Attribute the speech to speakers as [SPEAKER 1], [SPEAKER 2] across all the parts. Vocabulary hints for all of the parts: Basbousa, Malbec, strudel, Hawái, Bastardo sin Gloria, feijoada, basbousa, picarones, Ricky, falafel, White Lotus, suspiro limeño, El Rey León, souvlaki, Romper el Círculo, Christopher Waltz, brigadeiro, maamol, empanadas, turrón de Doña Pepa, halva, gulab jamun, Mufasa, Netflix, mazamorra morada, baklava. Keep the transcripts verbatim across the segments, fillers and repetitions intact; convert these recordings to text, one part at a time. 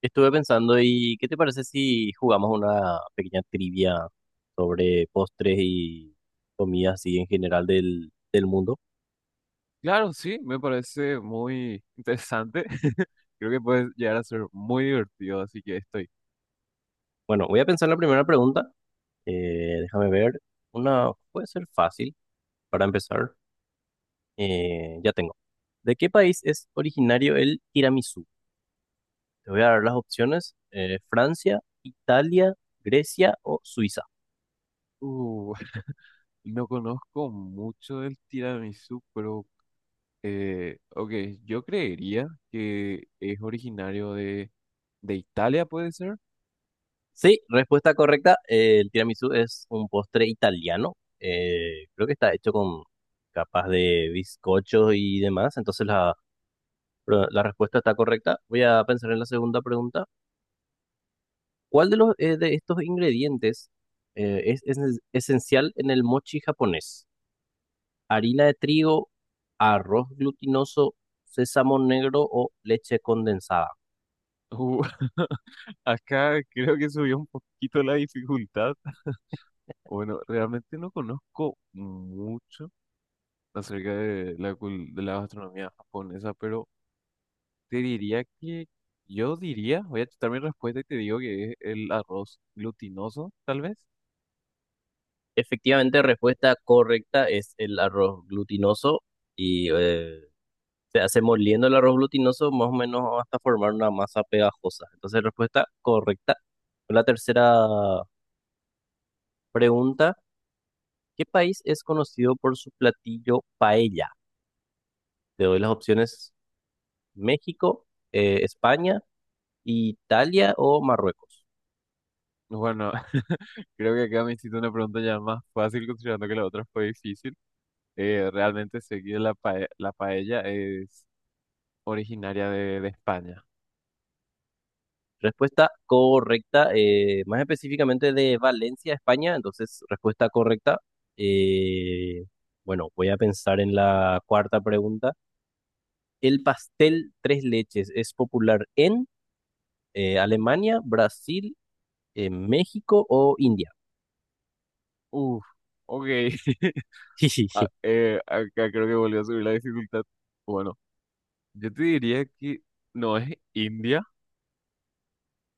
[SPEAKER 1] Estuve pensando, ¿y qué te parece si jugamos una pequeña trivia sobre postres y comidas así en general del, del mundo?
[SPEAKER 2] Claro, sí, me parece muy interesante. Creo que puede llegar a ser muy divertido, así que estoy.
[SPEAKER 1] Bueno, voy a pensar en la primera pregunta. Eh, déjame ver. Una puede ser fácil para empezar. Eh, ya tengo. ¿De qué país es originario el tiramisú? Te voy a dar las opciones. eh, Francia, Italia, Grecia o Suiza.
[SPEAKER 2] Uh, no conozco mucho del tiramisú, pero eh, ok, yo creería que es originario de, de Italia, ¿puede ser?
[SPEAKER 1] Sí, respuesta correcta. Eh, el tiramisú es un postre italiano. Eh, creo que está hecho con capas de bizcocho y demás. Entonces la, pro- la respuesta está correcta. Voy a pensar en la segunda pregunta. ¿Cuál de los eh, de estos ingredientes eh, es, es esencial en el mochi japonés? ¿Harina de trigo, arroz glutinoso, sésamo negro o leche condensada?
[SPEAKER 2] Uh, acá creo que subió un poquito la dificultad. Bueno, realmente no conozco mucho acerca de la, cul- de la gastronomía japonesa, pero te diría que yo diría, voy a chutar mi respuesta y te digo que es el arroz glutinoso, tal vez.
[SPEAKER 1] Efectivamente, respuesta correcta es el arroz glutinoso y eh, se hace moliendo el arroz glutinoso más o menos hasta formar una masa pegajosa. Entonces, respuesta correcta. La tercera pregunta, ¿qué país es conocido por su platillo paella? Te doy las opciones: México, eh, España, Italia o Marruecos.
[SPEAKER 2] Bueno, creo que acá me hiciste una pregunta ya más fácil considerando que la otra fue difícil. Eh, realmente sé que la, pae- la paella es originaria de, de España.
[SPEAKER 1] Respuesta correcta, eh, más específicamente de Valencia, España. Entonces, respuesta correcta. eh, bueno, voy a pensar en la cuarta pregunta. ¿El pastel tres leches es popular en Eh, Alemania, Brasil, eh, México o India?
[SPEAKER 2] Uf, ok. Ah, eh, acá creo que volvió a subir la dificultad. Bueno, yo te diría que no es India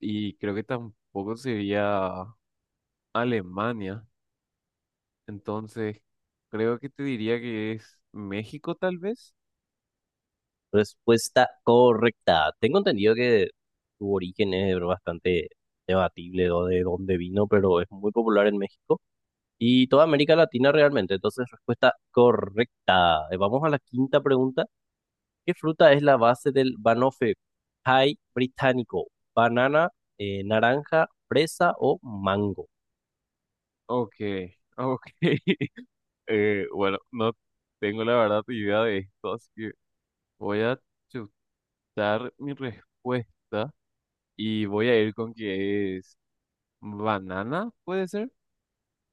[SPEAKER 2] y creo que tampoco sería Alemania. Entonces, creo que te diría que es México, tal vez.
[SPEAKER 1] Respuesta correcta. Tengo entendido que su origen es bastante debatible o de dónde vino, pero es muy popular en México y toda América Latina realmente. Entonces, respuesta correcta. Eh, Vamos a la quinta pregunta. ¿Qué fruta es la base del banoffee pie británico? ¿Banana, eh, naranja, fresa o mango?
[SPEAKER 2] Ok, ok. Eh, bueno, no tengo la verdad idea de esto, así que voy a chutar mi respuesta y voy a ir con que es banana, ¿puede ser?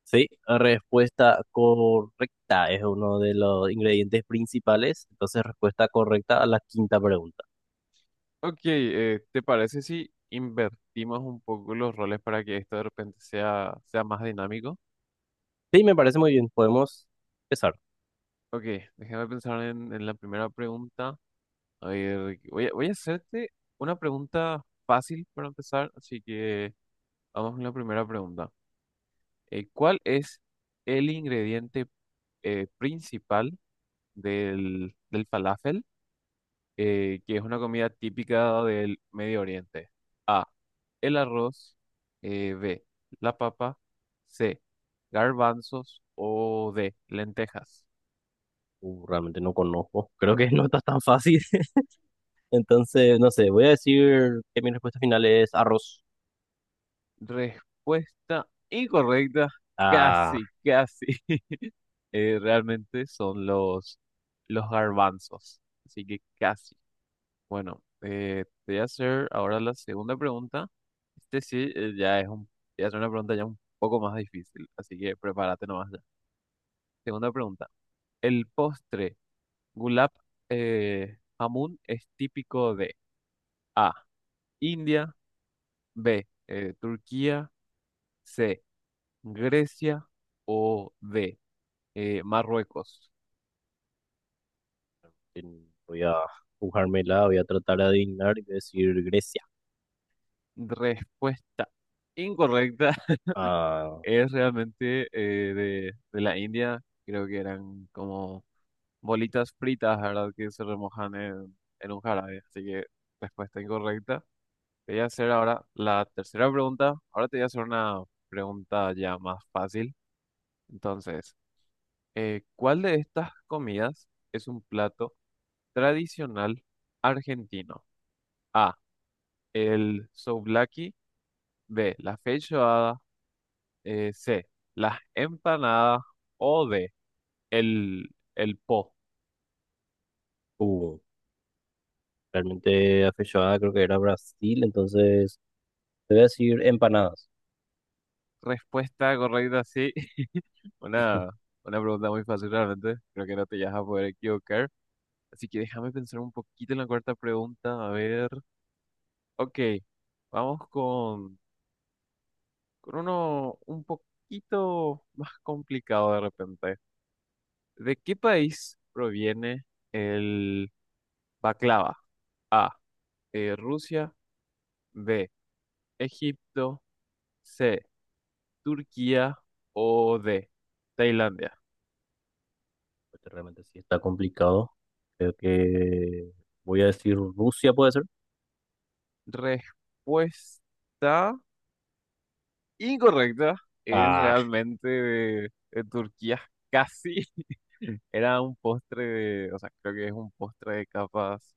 [SPEAKER 1] Sí, respuesta correcta, es uno de los ingredientes principales. Entonces, respuesta correcta a la quinta pregunta.
[SPEAKER 2] Ok, eh, ¿te parece si invertimos un poco los roles para que esto de repente sea, sea más dinámico?
[SPEAKER 1] Sí, me parece muy bien. Podemos empezar.
[SPEAKER 2] Ok, déjame pensar en en la primera pregunta. Oye, Ricky, voy a, voy a hacerte una pregunta fácil para empezar, así que vamos con la primera pregunta. Eh, ¿cuál es el ingrediente eh, principal del, del falafel, eh, que es una comida típica del Medio Oriente? A, el arroz, eh, B, la papa, C, garbanzos o D, lentejas.
[SPEAKER 1] Uh, realmente no conozco. Creo que no está tan fácil. Entonces, no sé, voy a decir que mi respuesta final es arroz.
[SPEAKER 2] Respuesta incorrecta,
[SPEAKER 1] Ah,
[SPEAKER 2] casi, casi. eh, realmente son los, los garbanzos. Así que casi. Bueno, eh, te voy a hacer ahora la segunda pregunta. Este sí, eh, ya es un, te voy a hacer una pregunta ya un poco más difícil, así que prepárate nomás ya. Segunda pregunta. El postre gulab eh, jamun es típico de A, India, B, eh, Turquía, C, Grecia o D, eh, Marruecos.
[SPEAKER 1] en- voy a jugármela, voy a tratar de adivinar y voy a decir Grecia.
[SPEAKER 2] Respuesta incorrecta.
[SPEAKER 1] Ah,
[SPEAKER 2] Es realmente eh, de, de la India, creo que eran como bolitas fritas, ¿verdad? Que se remojan en, en un jarabe. Así que respuesta incorrecta. Te voy a hacer ahora la tercera pregunta. Ahora te voy a hacer una pregunta ya más fácil. Entonces, eh, ¿cuál de estas comidas es un plato tradicional argentino? A, el souvlaki. B, la feijoada. Eh, C, las empanadas. O D, El, el po.
[SPEAKER 1] uh, realmente afechada creo que era Brasil. Entonces, te voy a decir empanadas.
[SPEAKER 2] Respuesta correcta, sí. Una, una pregunta muy fácil realmente. Creo que no te vas a poder equivocar. Así que déjame pensar un poquito en la cuarta pregunta. A ver. Ok, vamos con, con uno un poquito más complicado de repente. ¿De qué país proviene el baklava? A. eh, Rusia. B. Egipto. C. Turquía. O D. Tailandia.
[SPEAKER 1] Porque realmente sí está complicado. Creo que voy a decir Rusia, puede ser.
[SPEAKER 2] Respuesta incorrecta. Es
[SPEAKER 1] Ah,
[SPEAKER 2] realmente de, de Turquía. Casi. Era un postre de, o sea, creo que es un postre de capas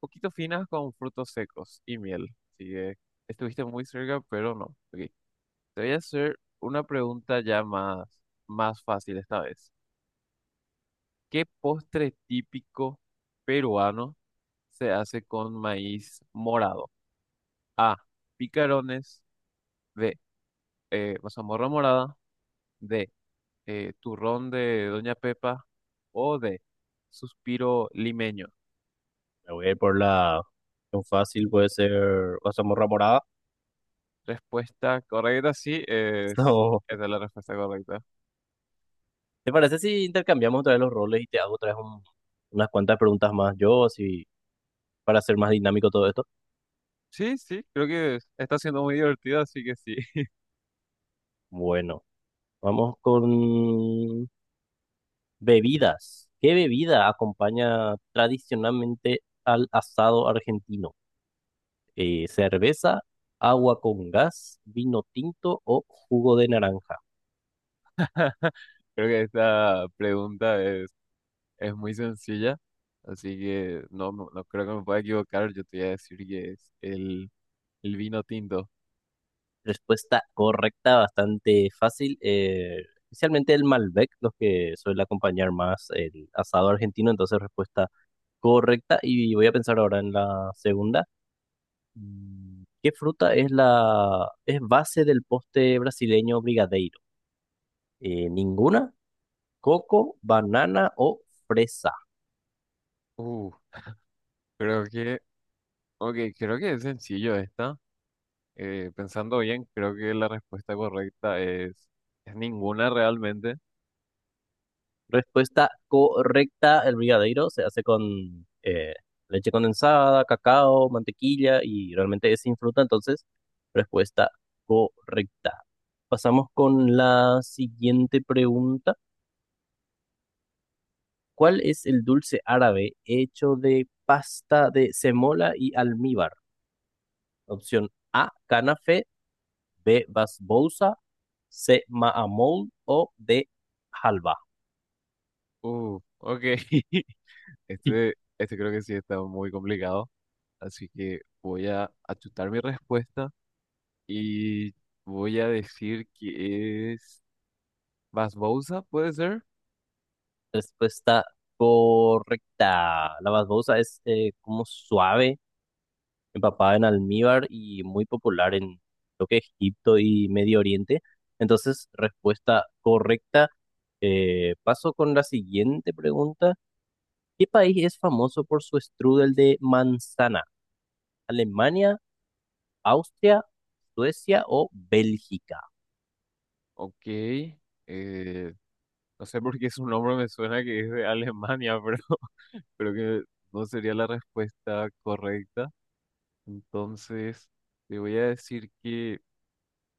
[SPEAKER 2] poquito finas con frutos secos y miel. Así que estuviste muy cerca, pero no. Ok, te voy a hacer una pregunta ya más, más fácil esta vez. ¿Qué postre típico peruano se hace con maíz morado? A. Picarones. B. eh, mazamorra morada. De eh, turrón de Doña Pepa o de suspiro limeño.
[SPEAKER 1] me voy a ir por la opción fácil, puede ser la Zamorra Morada.
[SPEAKER 2] Respuesta correcta, sí, es,
[SPEAKER 1] No.
[SPEAKER 2] esa es la respuesta correcta.
[SPEAKER 1] ¿Te parece si intercambiamos otra vez los roles y te hago otra vez un- unas cuantas preguntas más yo, así para hacer más dinámico todo esto?
[SPEAKER 2] Sí, sí, creo que es- está siendo muy divertido, así que sí.
[SPEAKER 1] Bueno, vamos con bebidas. ¿Qué bebida acompaña tradicionalmente al asado argentino? Eh, cerveza, agua con gas, vino tinto o jugo de naranja.
[SPEAKER 2] Creo que esta pregunta es, es muy sencilla, así que no, no, no creo que me pueda equivocar. Yo te voy a decir que es el, el vino tinto.
[SPEAKER 1] Respuesta correcta, bastante fácil. Eh, especialmente el Malbec, los que suele acompañar más el asado argentino. Entonces, respuesta correcta. Y voy a pensar ahora en la segunda. Mm, ¿qué fruta es la es base del postre brasileño brigadeiro? Eh, ¿ninguna? ¿Coco, banana o fresa?
[SPEAKER 2] Uh, creo que, ok, creo que es sencillo esta. Eh, pensando bien, creo que la respuesta correcta es, es ninguna realmente.
[SPEAKER 1] Respuesta correcta, el brigadeiro se hace con eh, leche condensada, cacao, mantequilla y realmente es sin fruta, entonces respuesta correcta. Pasamos con la siguiente pregunta. ¿Cuál es el dulce árabe hecho de pasta de semola y almíbar? Opción A, canafe; B, basbousa; C, maamol; o D, halva.
[SPEAKER 2] Uh, ok. Este, este creo que sí está muy complicado. Así que voy a achutar mi respuesta y voy a decir que es Basbousa, ¿puede ser?
[SPEAKER 1] Respuesta correcta. La basbosa es eh, como suave, empapada en almíbar y muy popular en lo que es Egipto y Medio Oriente. Entonces, respuesta correcta. Eh, paso con la siguiente pregunta. ¿Qué país es famoso por su strudel de manzana? ¿Alemania, Austria, Suecia o Bélgica?
[SPEAKER 2] Ok. eh, no sé por qué su nombre me suena que es de Alemania, pero creo que no sería la respuesta correcta. Entonces, te voy a decir que...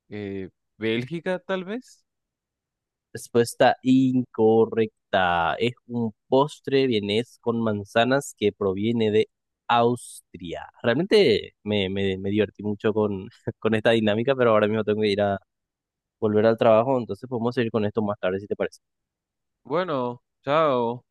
[SPEAKER 2] eh, Bélgica, tal vez.
[SPEAKER 1] Respuesta incorrecta. Es un postre vienés con manzanas que proviene de Austria. Realmente me, me, me divertí mucho con, con esta dinámica, pero ahora mismo tengo que ir a volver al trabajo, entonces podemos seguir con esto más tarde si te parece.
[SPEAKER 2] Bueno, chao.